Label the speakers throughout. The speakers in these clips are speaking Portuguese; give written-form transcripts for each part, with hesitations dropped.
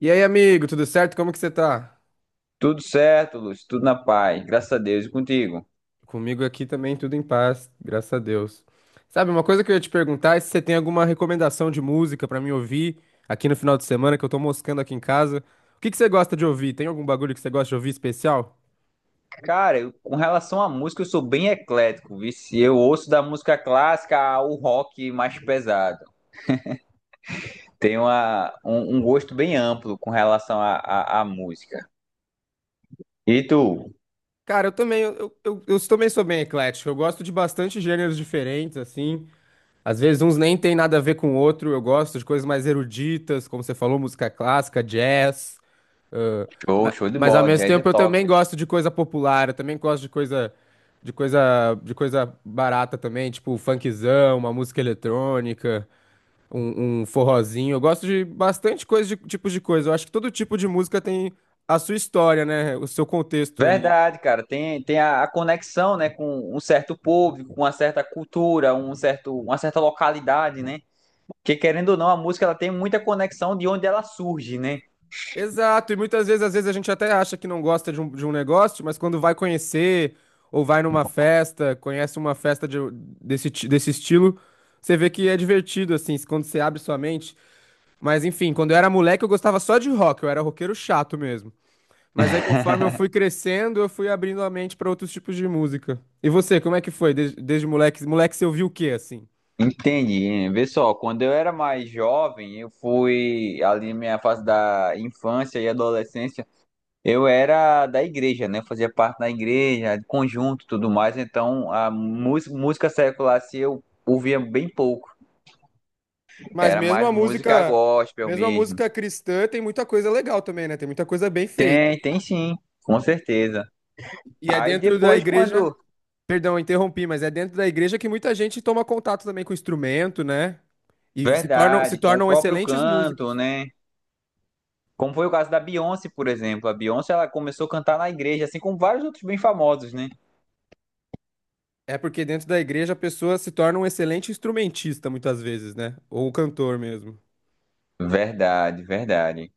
Speaker 1: E aí, amigo, tudo certo? Como que você tá?
Speaker 2: Tudo certo, Lúcio, tudo na paz, graças a Deus e contigo.
Speaker 1: Comigo aqui também tudo em paz, graças a Deus. Sabe, uma coisa que eu ia te perguntar é se você tem alguma recomendação de música pra me ouvir aqui no final de semana, que eu tô moscando aqui em casa. O que que você gosta de ouvir? Tem algum bagulho que você gosta de ouvir especial?
Speaker 2: Cara, com relação à música, eu sou bem eclético, vice. Eu ouço da música clássica ao rock mais pesado. Tenho um gosto bem amplo com relação à música. E tu?
Speaker 1: Cara, eu também, eu também sou bem eclético. Eu gosto de bastante gêneros diferentes, assim. Às vezes uns nem tem nada a ver com o outro. Eu gosto de coisas mais eruditas, como você falou, música clássica, jazz. Ah,
Speaker 2: Show,
Speaker 1: ma-
Speaker 2: show de
Speaker 1: mas ao
Speaker 2: bola,
Speaker 1: mesmo
Speaker 2: jazz é
Speaker 1: tempo eu também
Speaker 2: top.
Speaker 1: gosto de coisa popular, eu também gosto de coisa de coisa barata também, tipo um funkzão, uma música eletrônica, um forrozinho. Eu gosto de bastante coisa de tipos de coisa. Eu acho que todo tipo de música tem a sua história, né? O seu contexto ali.
Speaker 2: Verdade, cara, tem, tem a conexão, né, com um certo público, com uma certa cultura, uma certa localidade, né? Porque querendo ou não, a música ela tem muita conexão de onde ela surge, né?
Speaker 1: Exato, e muitas vezes, às vezes a gente até acha que não gosta de um negócio, mas quando vai conhecer ou vai numa festa, conhece uma festa desse estilo, você vê que é divertido, assim, quando você abre sua mente. Mas enfim, quando eu era moleque eu gostava só de rock, eu era roqueiro chato mesmo. Mas aí conforme eu fui crescendo, eu fui abrindo a mente pra outros tipos de música. E você, como é que foi desde moleque? Moleque, você ouviu o quê assim?
Speaker 2: Entendi. Vê só, quando eu era mais jovem, eu fui ali minha fase da infância e adolescência, eu era da igreja, né? Eu fazia parte da igreja, de conjunto, e tudo mais. Então, música secular se eu ouvia bem pouco.
Speaker 1: Mas
Speaker 2: Era mais música gospel
Speaker 1: mesmo a
Speaker 2: mesmo.
Speaker 1: música cristã tem muita coisa legal também, né? Tem muita coisa bem feita.
Speaker 2: Tem, tem sim, com certeza.
Speaker 1: E é
Speaker 2: Aí
Speaker 1: dentro da
Speaker 2: depois
Speaker 1: igreja,
Speaker 2: quando,
Speaker 1: perdão, eu interrompi, mas é dentro da igreja que muita gente toma contato também com o instrumento, né? E se tornam, se
Speaker 2: verdade, com o
Speaker 1: tornam
Speaker 2: próprio
Speaker 1: excelentes músicos.
Speaker 2: canto, né? Como foi o caso da Beyoncé, por exemplo. A Beyoncé, ela começou a cantar na igreja, assim como vários outros bem famosos, né?
Speaker 1: É porque dentro da igreja a pessoa se torna um excelente instrumentista muitas vezes, né? Ou um cantor mesmo.
Speaker 2: Verdade, verdade.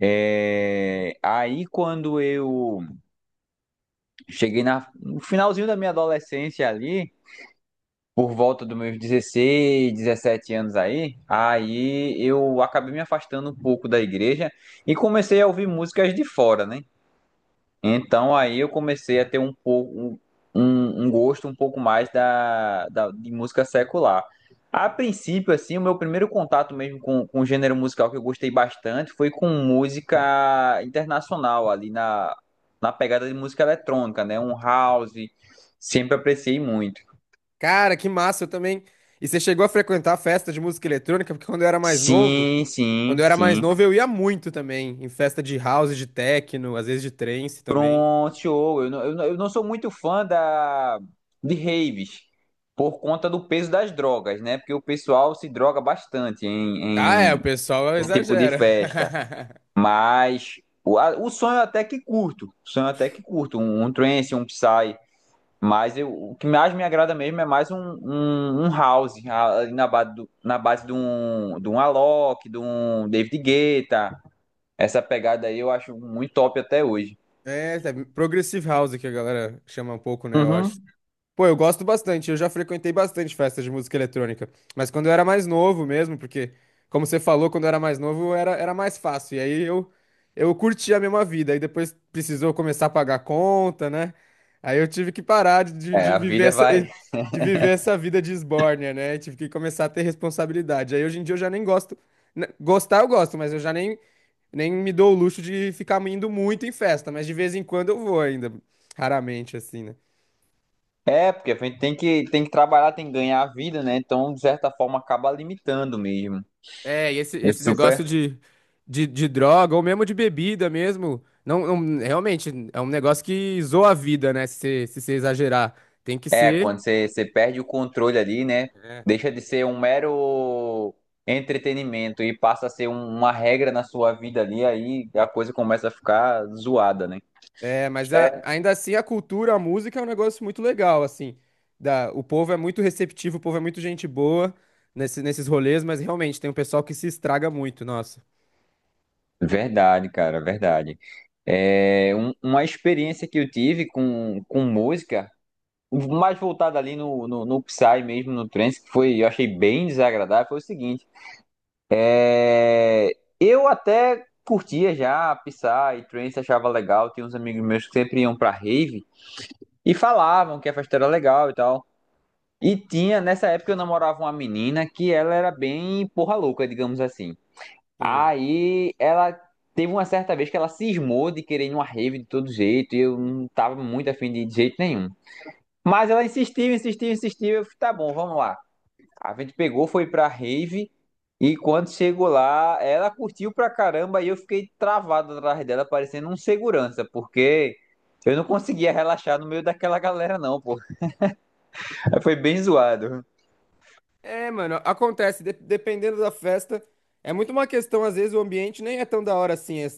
Speaker 2: É, aí quando eu cheguei no finalzinho da minha adolescência ali, por volta dos meus 16, 17 anos aí, eu acabei me afastando um pouco da igreja e comecei a ouvir músicas de fora, né? Então aí eu comecei a ter um pouco um gosto um pouco mais de música secular. A princípio, assim, o meu primeiro contato mesmo com o gênero musical que eu gostei bastante foi com música internacional, na pegada de música eletrônica, né? Um house, sempre apreciei muito.
Speaker 1: Cara, que massa, eu também. E você chegou a frequentar festa de música eletrônica? Porque quando eu era mais novo,
Speaker 2: Sim,
Speaker 1: quando
Speaker 2: sim,
Speaker 1: eu era mais
Speaker 2: sim.
Speaker 1: novo eu ia muito também, em festa de house, de techno, às vezes de trance também.
Speaker 2: Pronto, eu não sou muito fã de raves por conta do peso das drogas, né? Porque o pessoal se droga bastante
Speaker 1: Ah, é, o
Speaker 2: em
Speaker 1: pessoal
Speaker 2: esse tipo de
Speaker 1: exagera.
Speaker 2: festa. Mas o sonho até que curto, o sonho até que curto, um trance, um psy. Mas eu, o que mais me agrada mesmo é mais um house, ali na base, na base de um Alok, de um David Guetta. Essa pegada aí eu acho muito top até hoje.
Speaker 1: É, progressive house que a galera chama um pouco, né? Eu acho.
Speaker 2: Uhum.
Speaker 1: Pô, eu gosto bastante, eu já frequentei bastante festas de música eletrônica, mas quando eu era mais novo mesmo, porque, como você falou, quando eu era mais novo era, era mais fácil, e aí eu curti a mesma vida, aí depois precisou começar a pagar conta, né? Aí eu tive que parar de, de
Speaker 2: É,
Speaker 1: de
Speaker 2: a
Speaker 1: viver
Speaker 2: vida
Speaker 1: essa,
Speaker 2: vai.
Speaker 1: de viver essa vida de esbórnia, né? Tive que começar a ter responsabilidade, aí hoje em dia eu já nem gosto, né, gostar eu gosto, mas eu já nem, nem me dou o luxo de ficar indo muito em festa, mas de vez em quando eu vou ainda, raramente assim, né?
Speaker 2: É, porque a gente tem que trabalhar, tem que ganhar a vida, né? Então, de certa forma, acaba limitando mesmo.
Speaker 1: É, e esse,
Speaker 2: É
Speaker 1: esse
Speaker 2: super.
Speaker 1: negócio de droga ou mesmo de bebida mesmo, realmente é um negócio que zoa a vida, né? Se você se você exagerar, tem que
Speaker 2: É,
Speaker 1: ser.
Speaker 2: quando você, você perde o controle ali, né? Deixa de ser um mero entretenimento e passa a ser uma regra na sua vida ali, aí a coisa começa a ficar zoada, né?
Speaker 1: É, mas
Speaker 2: É.
Speaker 1: ainda assim a cultura, a música é um negócio muito legal, assim. O povo é muito receptivo, o povo é muito gente boa nesse, nesses rolês, mas realmente tem um pessoal que se estraga muito, nossa.
Speaker 2: Verdade, cara, verdade. É uma experiência que eu tive com música, mais voltada ali no no Psy mesmo, no trance, que foi, eu achei bem desagradável, foi o seguinte. É, eu até curtia já Psy, Trance achava legal. Tinha uns amigos meus que sempre iam pra rave e falavam que a festa era legal e tal. E tinha, nessa época eu namorava uma menina que ela era bem porra louca, digamos assim.
Speaker 1: Sim.
Speaker 2: Aí ela teve uma certa vez que ela cismou de querer ir numa rave de todo jeito e eu não tava muito afim de ir de jeito nenhum. Mas ela insistiu, insistiu, insistiu. Eu falei, tá bom, vamos lá. A gente pegou, foi pra rave e quando chegou lá, ela curtiu pra caramba e eu fiquei travado atrás dela, parecendo um segurança, porque eu não conseguia relaxar no meio daquela galera, não, pô. Foi bem zoado.
Speaker 1: É, mano, acontece, dependendo da festa, é muito uma questão, às vezes o ambiente nem é tão da hora assim.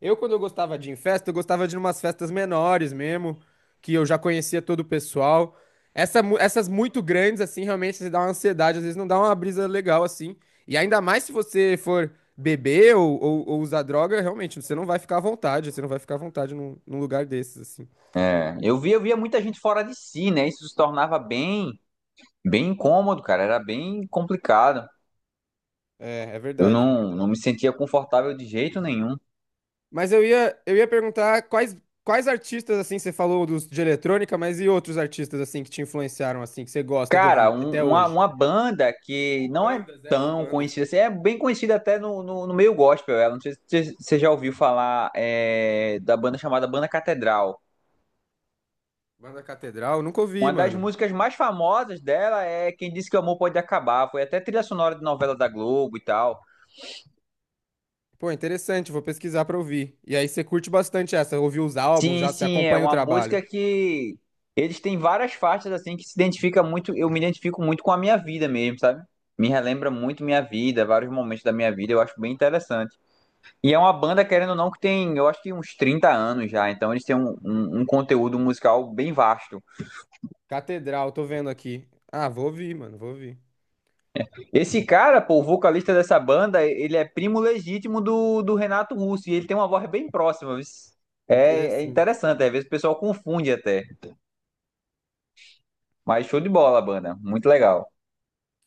Speaker 1: Eu, quando eu gostava de ir em festa, eu gostava de ir umas festas menores mesmo, que eu já conhecia todo o pessoal. Essas muito grandes, assim, realmente se dá uma ansiedade, às vezes não dá uma brisa legal, assim. E ainda mais se você for beber ou usar droga, realmente, você não vai ficar à vontade, você não vai ficar à vontade num, num lugar desses, assim.
Speaker 2: É, eu via, eu via muita gente fora de si, né? Isso se tornava bem, bem incômodo, cara. Era bem complicado.
Speaker 1: É, é
Speaker 2: Eu
Speaker 1: verdade.
Speaker 2: não, não me sentia confortável de jeito nenhum.
Speaker 1: Mas eu ia perguntar quais, quais artistas, assim, você falou dos de eletrônica, mas e outros artistas, assim, que te influenciaram, assim, que você gosta de
Speaker 2: Cara,
Speaker 1: ouvir até hoje?
Speaker 2: uma banda que
Speaker 1: Ou
Speaker 2: não é
Speaker 1: bandas, é, ou
Speaker 2: tão
Speaker 1: bandas.
Speaker 2: conhecida assim, é bem conhecida até no meio gospel, ela. Não sei se você já ouviu falar é, da banda chamada Banda Catedral.
Speaker 1: Banda Catedral, nunca ouvi,
Speaker 2: Uma das
Speaker 1: mano.
Speaker 2: músicas mais famosas dela é Quem Disse Que o Amor Pode Acabar. Foi até trilha sonora de novela da Globo e tal.
Speaker 1: Pô, interessante, vou pesquisar pra ouvir. E aí você curte bastante essa, ouviu os álbuns,
Speaker 2: Sim,
Speaker 1: já você
Speaker 2: sim, é
Speaker 1: acompanha o
Speaker 2: uma
Speaker 1: trabalho.
Speaker 2: música que eles têm várias faixas assim que se identifica muito, eu me identifico muito com a minha vida mesmo, sabe? Me relembra muito minha vida, vários momentos da minha vida, eu acho bem interessante. E é uma banda, querendo ou não, que tem, eu acho que uns 30 anos já, então eles têm um conteúdo musical bem vasto.
Speaker 1: Catedral, tô vendo aqui. Ah, vou ouvir, mano, vou ouvir.
Speaker 2: Esse cara, pô, o vocalista dessa banda, ele é primo legítimo do Renato Russo, e ele tem uma voz bem próxima, viu? É, é
Speaker 1: Interessante.
Speaker 2: interessante, às vezes o pessoal confunde até. Mas show de bola a banda, muito legal.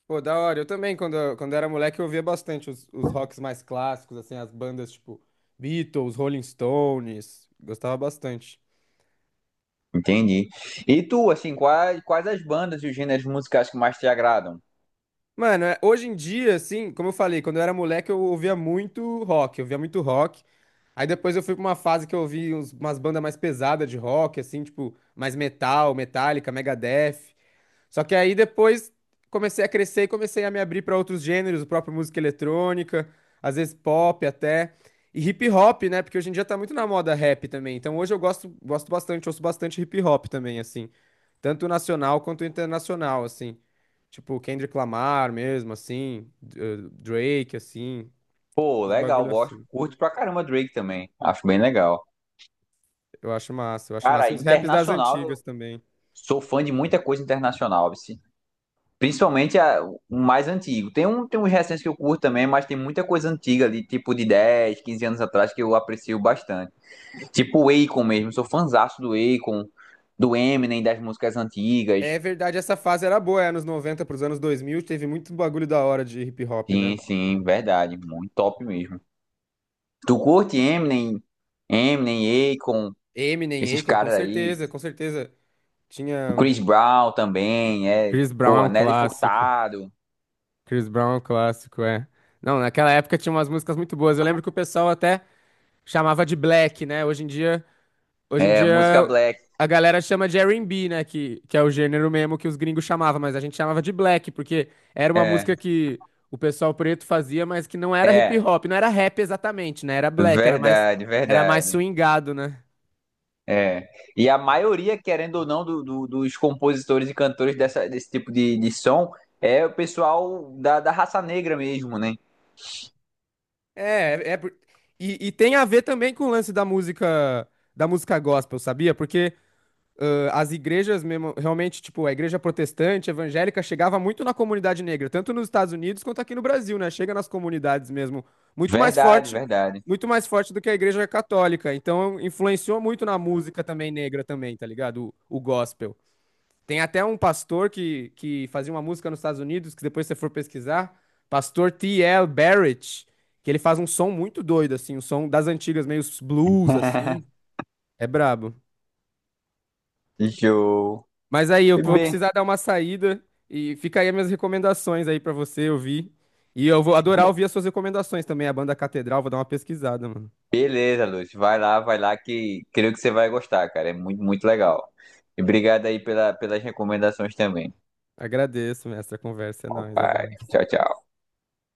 Speaker 1: Pô, da hora. Eu também, quando, quando era moleque, eu ouvia bastante os rocks mais clássicos, assim, as bandas tipo Beatles, Rolling Stones. Gostava bastante.
Speaker 2: Entendi. E tu, assim, quais, quais as bandas e os gêneros musicais que mais te agradam?
Speaker 1: Mano, hoje em dia, assim, como eu falei, quando eu era moleque, eu ouvia muito rock, eu ouvia muito rock. Aí depois eu fui pra uma fase que eu ouvi umas bandas mais pesadas de rock, assim, tipo, mais metal, Metallica, Megadeth. Só que aí depois comecei a crescer e comecei a me abrir para outros gêneros, o próprio música eletrônica, às vezes pop até. E hip hop, né? Porque hoje em dia tá muito na moda rap também. Então hoje eu gosto, gosto bastante, ouço bastante hip hop também, assim. Tanto nacional quanto internacional, assim. Tipo, Kendrick Lamar mesmo, assim. Drake, assim.
Speaker 2: Pô,
Speaker 1: Esses
Speaker 2: legal,
Speaker 1: bagulho
Speaker 2: gosto,
Speaker 1: assim.
Speaker 2: curto pra caramba Drake também, acho bem legal.
Speaker 1: Eu acho massa, eu acho
Speaker 2: Cara,
Speaker 1: massa. E os raps das antigas
Speaker 2: internacional,
Speaker 1: também.
Speaker 2: sou fã de muita coisa internacional, vice. Principalmente o mais antigo. Tem, um, tem uns recentes que eu curto também, mas tem muita coisa antiga ali, tipo de 10, 15 anos atrás, que eu aprecio bastante. Tipo o Akon mesmo, sou fãzaço do Akon, do Eminem, das músicas antigas.
Speaker 1: É verdade, essa fase era boa, é, anos 90 pros anos 2000 teve muito bagulho da hora de hip hop, né?
Speaker 2: Sim, sim, verdade, muito top mesmo. Tu curte Eminem, Eminem, Akon,
Speaker 1: Eminem,
Speaker 2: esses
Speaker 1: Akon, com
Speaker 2: caras aí.
Speaker 1: certeza, com certeza.
Speaker 2: O
Speaker 1: Tinha.
Speaker 2: Chris Brown também, é,
Speaker 1: Chris Brown é um
Speaker 2: porra, Nelly
Speaker 1: clássico.
Speaker 2: Furtado,
Speaker 1: Chris Brown é um clássico, é. Não, naquela época tinha umas músicas muito boas. Eu lembro que o pessoal até chamava de Black, né? Hoje em
Speaker 2: é,
Speaker 1: dia
Speaker 2: música Black,
Speaker 1: a galera chama de R&B, né? Que é o gênero mesmo que os gringos chamavam, mas a gente chamava de Black, porque era uma
Speaker 2: é,
Speaker 1: música que o pessoal preto fazia, mas que não era hip
Speaker 2: é.
Speaker 1: hop, não era rap exatamente, né? Era black,
Speaker 2: Verdade,
Speaker 1: era mais
Speaker 2: verdade.
Speaker 1: swingado, né?
Speaker 2: É. E a maioria, querendo ou não, dos compositores e cantores desse tipo de som é o pessoal da raça negra mesmo, né?
Speaker 1: É, é por- e, e tem a ver também com o lance da música gospel, sabia? Porque as igrejas mesmo, realmente, tipo, a igreja protestante, evangélica, chegava muito na comunidade negra, tanto nos Estados Unidos quanto aqui no Brasil, né? Chega nas comunidades mesmo, muito mais
Speaker 2: Verdade,
Speaker 1: forte,
Speaker 2: verdade.
Speaker 1: muito mais forte do que a igreja católica. Então, influenciou muito na música também negra também, tá ligado? O gospel. Tem até um pastor que fazia uma música nos Estados Unidos, que depois se você for pesquisar, pastor T.L. Barrett, que ele faz um som muito doido, assim, um som das antigas, meio blues, assim. É brabo.
Speaker 2: Show.
Speaker 1: Mas aí, eu vou
Speaker 2: Bem,
Speaker 1: precisar dar uma saída e fica aí as minhas recomendações aí pra você ouvir. E eu vou adorar ouvir as suas recomendações também, a banda Catedral, vou dar uma pesquisada, mano.
Speaker 2: beleza, Lúcio. Vai lá, que creio que você vai gostar, cara. É muito, muito legal. E obrigado aí pela, pelas recomendações também.
Speaker 1: Agradeço, mestre, a conversa é nóis,
Speaker 2: Vai.
Speaker 1: abraço.
Speaker 2: Tchau, tchau.